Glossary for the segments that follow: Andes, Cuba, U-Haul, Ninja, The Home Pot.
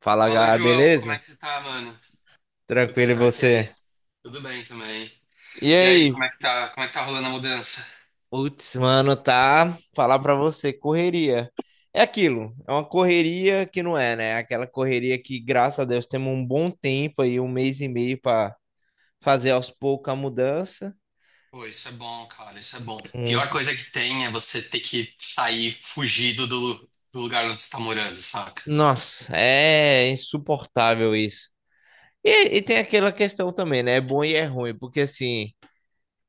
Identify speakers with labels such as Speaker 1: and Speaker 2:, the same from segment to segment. Speaker 1: Fala,
Speaker 2: Fala,
Speaker 1: Gá,
Speaker 2: João, como é
Speaker 1: beleza?
Speaker 2: que você tá, mano? Tudo
Speaker 1: Tranquilo e
Speaker 2: certo, e aí?
Speaker 1: você?
Speaker 2: Tudo bem também.
Speaker 1: E
Speaker 2: E aí, como
Speaker 1: aí?
Speaker 2: é que tá, como é que tá rolando a mudança?
Speaker 1: Putz, mano, tá? Falar pra você, correria. É aquilo, é uma correria que não é, né? Aquela correria que, graças a Deus, temos um bom tempo aí, um mês e meio pra fazer aos poucos a mudança.
Speaker 2: Pô, isso é bom, cara, isso é bom. Pior
Speaker 1: Hum.
Speaker 2: coisa que tem é você ter que sair fugido do lugar onde você tá morando, saca?
Speaker 1: Nossa, é insuportável isso. E tem aquela questão também, né? É bom e é ruim, porque assim.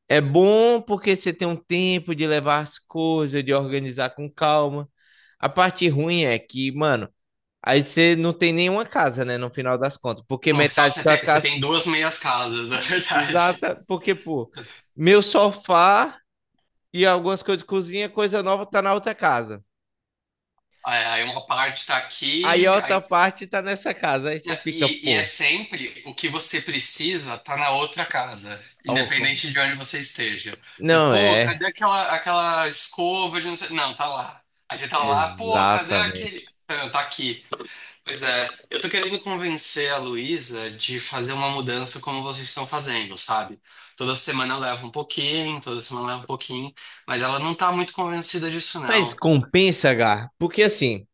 Speaker 1: É bom porque você tem um tempo de levar as coisas, de organizar com calma. A parte ruim é que, mano, aí você não tem nenhuma casa, né, no final das contas, porque
Speaker 2: No oficial
Speaker 1: metade da sua
Speaker 2: você
Speaker 1: casa
Speaker 2: tem duas meias casas, na verdade.
Speaker 1: exata, porque, pô, meu sofá e algumas coisas de cozinha, coisa nova tá na outra casa.
Speaker 2: Aí uma parte tá
Speaker 1: Aí
Speaker 2: aqui,
Speaker 1: a outra
Speaker 2: aí
Speaker 1: parte tá nessa casa, aí
Speaker 2: não.
Speaker 1: você fica,
Speaker 2: E é
Speaker 1: pô,
Speaker 2: sempre o que você precisa tá na outra casa,
Speaker 1: ó,
Speaker 2: independente de onde você esteja. E,
Speaker 1: não
Speaker 2: pô,
Speaker 1: é,
Speaker 2: cadê aquela escova de não sei. Não, tá lá. Aí você tá lá, pô, cadê aquele.
Speaker 1: exatamente.
Speaker 2: Ah, tá aqui. Pois é, eu tô querendo convencer a Luísa de fazer uma mudança como vocês estão fazendo, sabe? Toda semana eu levo um pouquinho, toda semana eu levo um pouquinho, mas ela não tá muito convencida disso,
Speaker 1: Mas
Speaker 2: não.
Speaker 1: compensa, Gá, porque assim,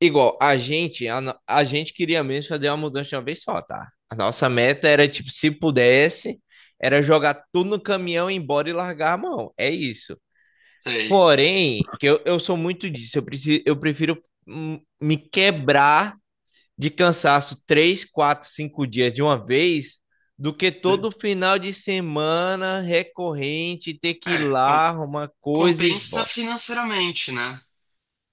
Speaker 1: igual, a gente, a, no- a gente queria mesmo fazer uma mudança de uma vez só, tá? A nossa meta era, tipo, se pudesse, era jogar tudo no caminhão, ir embora e largar a mão. É isso.
Speaker 2: Sei.
Speaker 1: Porém, que eu sou muito disso, eu preciso, eu prefiro, me quebrar de cansaço três, quatro, cinco dias de uma vez, do que todo final de semana recorrente ter que ir
Speaker 2: É,
Speaker 1: lá arrumar coisa e
Speaker 2: compensa
Speaker 1: bom.
Speaker 2: financeiramente, né?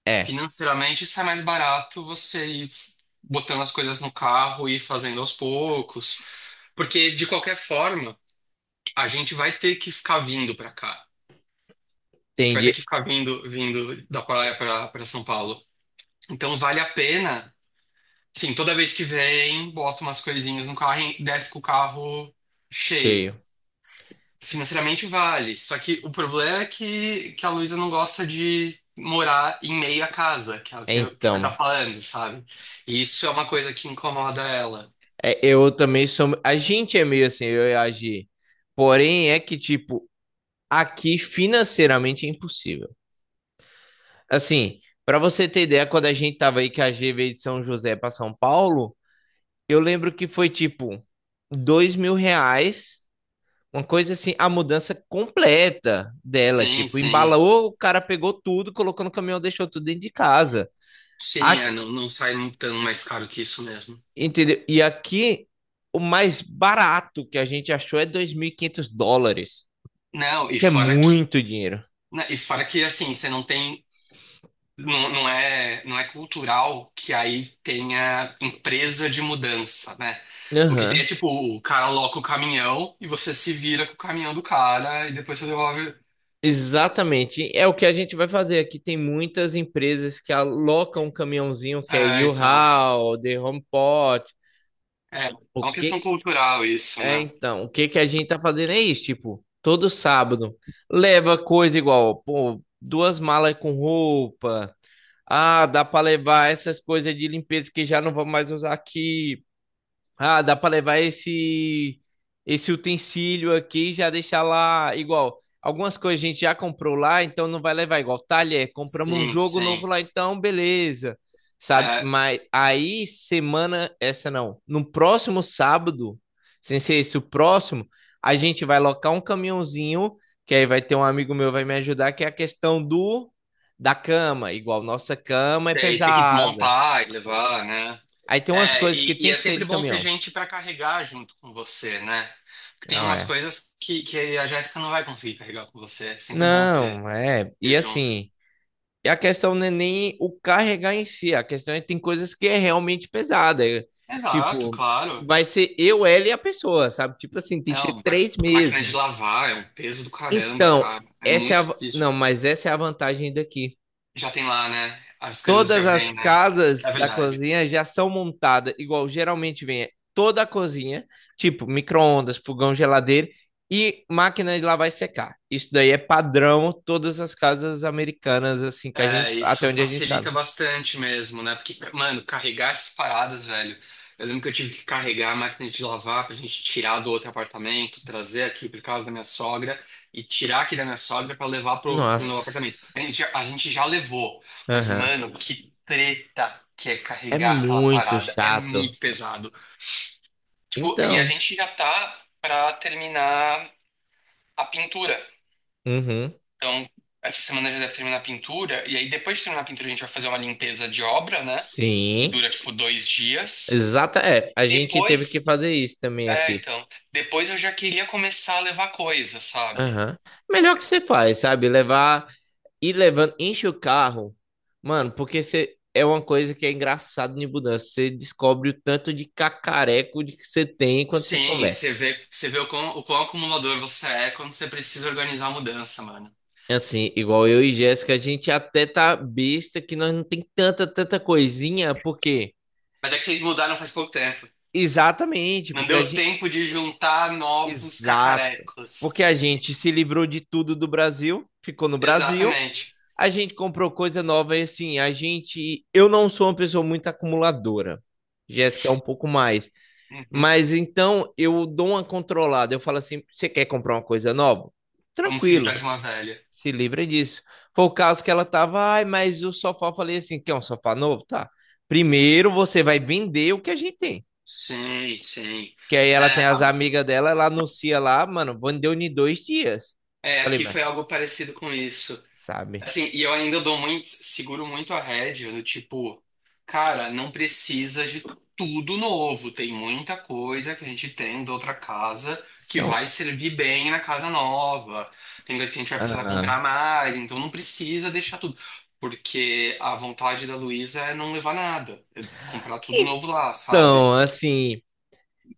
Speaker 1: É,
Speaker 2: Financeiramente, sai mais barato você ir botando as coisas no carro e ir fazendo aos poucos.
Speaker 1: s-
Speaker 2: Porque, de qualquer forma, a gente vai ter que ficar vindo pra cá. A gente vai ter
Speaker 1: entendi.
Speaker 2: que ficar vindo, vindo da praia pra São Paulo. Então, vale a pena. Sim, toda vez que vem, bota umas coisinhas no carro e desce com o carro cheio.
Speaker 1: Cheio.
Speaker 2: Financeiramente vale, só que o problema é que a Luísa não gosta de morar em meio à casa, que é o que, que você tá
Speaker 1: Então.
Speaker 2: falando, sabe? E isso é uma coisa que incomoda ela.
Speaker 1: É, eu também sou. A gente é meio assim, eu e a Gi. Porém, é que, tipo, aqui financeiramente é impossível. Assim, pra você ter ideia, quando a gente tava aí, que a G veio de São José pra São Paulo, eu lembro que foi tipo R$ 2.000, uma coisa assim, a mudança completa dela.
Speaker 2: Sim,
Speaker 1: Tipo,
Speaker 2: sim.
Speaker 1: embalou, o cara pegou tudo, colocou no caminhão, deixou tudo dentro de casa.
Speaker 2: Sim, é,
Speaker 1: Aqui,
Speaker 2: não, não sai tão mais caro que isso mesmo.
Speaker 1: entendeu? E aqui, o mais barato que a gente achou é US$ 2.500.
Speaker 2: Não, e
Speaker 1: Que é
Speaker 2: fora que,
Speaker 1: muito dinheiro.
Speaker 2: né, e fora que assim, você não tem, não, não é cultural que aí tenha empresa de mudança, né? O que tem é
Speaker 1: Aham.
Speaker 2: tipo, o cara aloca o caminhão e você se vira com o caminhão do cara e depois você devolve.
Speaker 1: Exatamente. É o que a gente vai fazer aqui. Tem muitas empresas que alocam um caminhãozinho que é
Speaker 2: É, então.
Speaker 1: U-Haul, The Home Pot.
Speaker 2: É, é
Speaker 1: O
Speaker 2: uma questão
Speaker 1: que
Speaker 2: cultural isso,
Speaker 1: é
Speaker 2: né?
Speaker 1: então? O que que a gente tá fazendo é isso, tipo, todo sábado leva coisa igual, pô, duas malas com roupa. Ah, dá para levar essas coisas de limpeza que já não vamos mais usar aqui. Ah, dá para levar esse utensílio aqui e já deixar lá igual. Algumas coisas a gente já comprou lá, então não vai levar igual. Talher, compramos um
Speaker 2: Sim,
Speaker 1: jogo novo
Speaker 2: sim.
Speaker 1: lá, então beleza. Sabe?
Speaker 2: É,
Speaker 1: Mas aí semana essa não, no próximo sábado, sem ser esse o próximo, a gente vai locar um caminhãozinho, que aí vai ter um amigo meu vai me ajudar, que é a questão do da cama, igual nossa cama é
Speaker 2: sei, tem que
Speaker 1: pesada.
Speaker 2: desmontar e levar, né?
Speaker 1: Aí tem umas
Speaker 2: É,
Speaker 1: coisas que
Speaker 2: e
Speaker 1: tem
Speaker 2: é
Speaker 1: que ser de
Speaker 2: sempre bom ter
Speaker 1: caminhão.
Speaker 2: gente para carregar junto com você, né? Porque tem
Speaker 1: Não
Speaker 2: umas
Speaker 1: é.
Speaker 2: coisas que a Jéssica não vai conseguir carregar com você. É sempre bom ter,
Speaker 1: Não, é.
Speaker 2: ter
Speaker 1: E
Speaker 2: junto.
Speaker 1: assim, e a questão não é nem o carregar em si, a questão é que tem coisas que é realmente pesada. É.
Speaker 2: Exato,
Speaker 1: Tipo,
Speaker 2: claro.
Speaker 1: vai ser eu, ela e a pessoa, sabe? Tipo assim, tem que ser
Speaker 2: Não,
Speaker 1: três
Speaker 2: máquina de
Speaker 1: mesmo.
Speaker 2: lavar é um peso do caramba,
Speaker 1: Então,
Speaker 2: cara. É
Speaker 1: essa é
Speaker 2: muito
Speaker 1: a. Não,
Speaker 2: difícil.
Speaker 1: mas essa é a vantagem daqui.
Speaker 2: Já tem lá, né? As coisas já
Speaker 1: Todas as
Speaker 2: vêm, né?
Speaker 1: casas
Speaker 2: É
Speaker 1: da
Speaker 2: verdade.
Speaker 1: cozinha já são montadas igual geralmente vem é toda a cozinha, tipo micro-ondas, fogão, geladeira e máquina de lavar e secar. Isso daí é padrão todas as casas americanas assim que a gente
Speaker 2: É,
Speaker 1: até
Speaker 2: isso
Speaker 1: onde a gente sabe.
Speaker 2: facilita bastante mesmo, né? Porque, mano, carregar essas paradas, velho. Eu lembro que eu tive que carregar a máquina de lavar pra gente tirar do outro apartamento, trazer aqui por casa da minha sogra e tirar aqui da minha sogra pra levar pro novo apartamento. A
Speaker 1: Nossa.
Speaker 2: gente, a gente já levou, mas,
Speaker 1: Aham.
Speaker 2: mano, que treta que é
Speaker 1: É
Speaker 2: carregar aquela
Speaker 1: muito
Speaker 2: parada. É
Speaker 1: chato.
Speaker 2: muito pesado. Tipo, e a
Speaker 1: Então.
Speaker 2: gente já tá pra terminar a pintura.
Speaker 1: Uhum.
Speaker 2: Então, essa semana já deve terminar a pintura. E aí, depois de terminar a pintura, a gente vai fazer uma limpeza de obra, né? E
Speaker 1: Sim.
Speaker 2: dura, tipo, dois dias.
Speaker 1: Exata, é, a gente teve que
Speaker 2: Depois.
Speaker 1: fazer isso também
Speaker 2: É,
Speaker 1: aqui.
Speaker 2: então. Depois eu já queria começar a levar coisa, sabe?
Speaker 1: Aham. Melhor que você faz, sabe? Levar E levando, enche o carro, mano, porque você é uma coisa que é engraçado de mudança. Você descobre o tanto de cacareco de que você tem quando você
Speaker 2: Sim,
Speaker 1: começa.
Speaker 2: você vê o quão acumulador você é quando você precisa organizar a mudança, mano.
Speaker 1: Assim, igual eu e Jéssica, a gente até tá besta que nós não tem tanta, tanta coisinha, porque
Speaker 2: Mas é que vocês mudaram faz pouco tempo.
Speaker 1: exatamente,
Speaker 2: Não
Speaker 1: porque a
Speaker 2: deu
Speaker 1: gente
Speaker 2: tempo de juntar novos
Speaker 1: exata,
Speaker 2: cacarecos.
Speaker 1: porque a gente se livrou de tudo do Brasil, ficou no Brasil,
Speaker 2: Exatamente.
Speaker 1: a gente comprou coisa nova e assim, eu não sou uma pessoa muito acumuladora. Jéssica é um pouco mais.
Speaker 2: Uhum.
Speaker 1: Mas então eu dou uma controlada. Eu falo assim: você quer comprar uma coisa nova?
Speaker 2: Vamos se livrar
Speaker 1: Tranquilo,
Speaker 2: de uma velha.
Speaker 1: se livra disso. Foi o caso que ela tava, ai, mas o sofá, eu falei assim: quer um sofá novo? Tá. Primeiro você vai vender o que a gente tem.
Speaker 2: Sim, sim.
Speaker 1: Que aí ela tem
Speaker 2: É,
Speaker 1: as amigas dela, ela anuncia lá, mano, vendeu em 2 dias.
Speaker 2: é,
Speaker 1: Falei,
Speaker 2: aqui
Speaker 1: mas
Speaker 2: foi algo parecido com isso.
Speaker 1: sabe?
Speaker 2: Assim, e eu ainda dou muito, seguro muito a rédea, do tipo, cara, não precisa de tudo novo. Tem muita coisa que a gente tem da outra casa que
Speaker 1: São...
Speaker 2: vai servir bem na casa nova. Tem coisa que a gente vai precisar
Speaker 1: Aham.
Speaker 2: comprar mais, então não precisa deixar tudo. Porque a vontade da Luísa é não levar nada, é comprar tudo novo lá,
Speaker 1: Então,
Speaker 2: sabe?
Speaker 1: assim,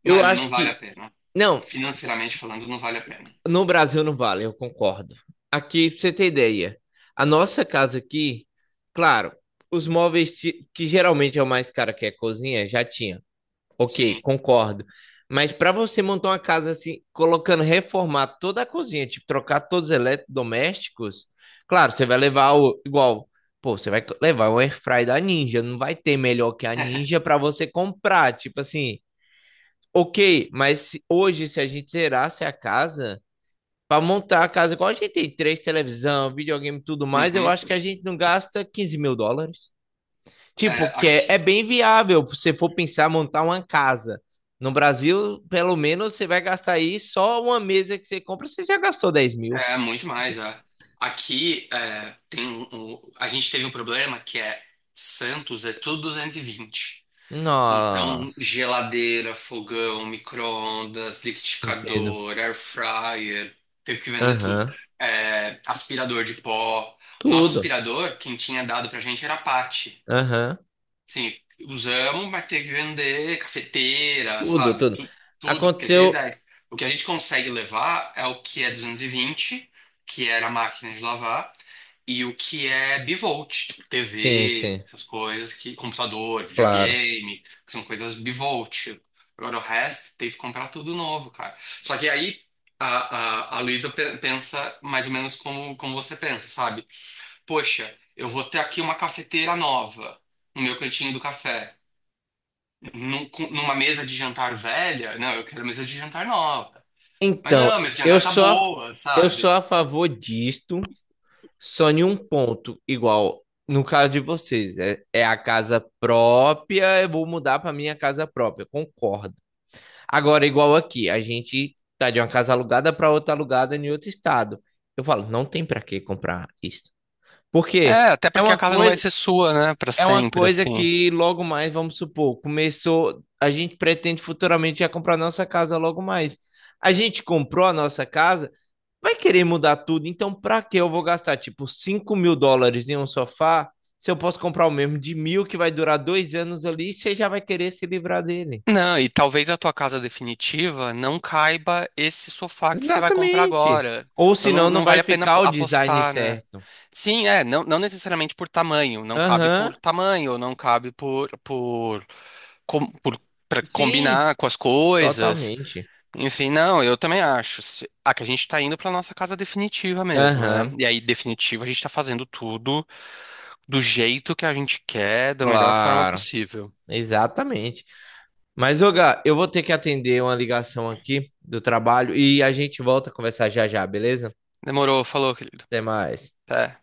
Speaker 1: eu
Speaker 2: Mano, não
Speaker 1: acho
Speaker 2: vale a
Speaker 1: que.
Speaker 2: pena.
Speaker 1: Não.
Speaker 2: Financeiramente falando, não vale a pena.
Speaker 1: No Brasil não vale, eu concordo. Aqui, pra você ter ideia, a nossa casa aqui, claro, os móveis que geralmente é o mais caro que é cozinha, já tinha. Ok,
Speaker 2: Sim.
Speaker 1: concordo. Mas para você montar uma casa assim, colocando, reformar toda a cozinha, tipo, trocar todos os eletrodomésticos, claro, você vai levar o igual, pô, você vai levar um airfry da Ninja, não vai ter melhor que a Ninja para você comprar, tipo assim, ok, mas hoje se a gente zerasse a casa para montar a casa, igual a gente tem três televisão, videogame e tudo mais, eu
Speaker 2: Uhum.
Speaker 1: acho que a gente não gasta US$ 15.000.
Speaker 2: É,
Speaker 1: Tipo, que é,
Speaker 2: aqui.
Speaker 1: é bem viável, se você for pensar montar uma casa. No Brasil, pelo menos, você vai gastar aí só uma mesa que você compra, você já gastou 10.000.
Speaker 2: É, muito mais, é. Aqui é, tem a gente teve um problema que é Santos é tudo 220. Então,
Speaker 1: Nossa,
Speaker 2: geladeira, fogão, micro-ondas,
Speaker 1: entendo.
Speaker 2: liquidificador, air fryer, teve que vender tudo.
Speaker 1: Aham.
Speaker 2: É, aspirador de pó. O nosso
Speaker 1: Tudo.
Speaker 2: aspirador, quem tinha dado pra gente era a Pathy.
Speaker 1: Aham.
Speaker 2: Sim, usamos, mas teve que vender cafeteira,
Speaker 1: Tudo,
Speaker 2: sabe?
Speaker 1: tudo.
Speaker 2: Tu, tudo, porque é
Speaker 1: Aconteceu.
Speaker 2: 110. O que a gente consegue levar é o que é 220 que era a máquina de lavar, e o que é bivolt, tipo
Speaker 1: Sim,
Speaker 2: TV,
Speaker 1: sim,
Speaker 2: essas coisas, que, computador,
Speaker 1: claro.
Speaker 2: videogame, que são coisas bivolt. Agora o resto teve que comprar tudo novo, cara. Só que aí a Luísa pensa mais ou menos como você pensa, sabe? Poxa, eu vou ter aqui uma cafeteira nova no meu cantinho do café. Numa mesa de jantar velha? Não, eu quero mesa de jantar nova. Mas
Speaker 1: Então,
Speaker 2: não, a mesa de
Speaker 1: eu
Speaker 2: jantar tá
Speaker 1: sou a,
Speaker 2: boa,
Speaker 1: eu sou
Speaker 2: sabe?
Speaker 1: a favor disto. Só em um ponto, igual no caso de vocês, é a casa própria, eu vou mudar para minha casa própria, concordo. Agora, igual aqui, a gente tá de uma casa alugada para outra alugada em outro estado. Eu falo, não tem para que comprar isso. Porque
Speaker 2: É, até
Speaker 1: é
Speaker 2: porque a
Speaker 1: uma
Speaker 2: casa não vai
Speaker 1: coisa,
Speaker 2: ser sua, né, pra
Speaker 1: é uma
Speaker 2: sempre,
Speaker 1: coisa
Speaker 2: assim.
Speaker 1: que logo mais, vamos supor, começou, a gente pretende futuramente já comprar nossa casa logo mais. A gente comprou a nossa casa vai querer mudar tudo, então pra que eu vou gastar, tipo, US$ 5.000 em um sofá se eu posso comprar o mesmo de 1.000 que vai durar 2 anos ali e você já vai querer se livrar dele?
Speaker 2: Não, e talvez a tua casa definitiva não caiba esse sofá que você vai comprar
Speaker 1: Exatamente.
Speaker 2: agora.
Speaker 1: Ou
Speaker 2: Então não,
Speaker 1: senão não
Speaker 2: não
Speaker 1: vai
Speaker 2: vale a pena
Speaker 1: ficar o design
Speaker 2: apostar, né?
Speaker 1: certo.
Speaker 2: Sim, é, não, não necessariamente por tamanho, não cabe
Speaker 1: Aham,
Speaker 2: por tamanho, não cabe por com- por, para
Speaker 1: sim,
Speaker 2: combinar com as coisas.
Speaker 1: totalmente.
Speaker 2: Enfim, não, eu também acho. Ah, que a gente tá indo pra nossa casa definitiva mesmo, né?
Speaker 1: Aham,
Speaker 2: E aí, definitiva, a gente tá fazendo tudo do jeito que a gente quer, da melhor forma
Speaker 1: claro,
Speaker 2: possível.
Speaker 1: exatamente. Mas, ô Gá, eu vou ter que atender uma ligação aqui do trabalho e a gente volta a conversar já já, beleza?
Speaker 2: Demorou, falou, querido.
Speaker 1: Até mais.
Speaker 2: Até.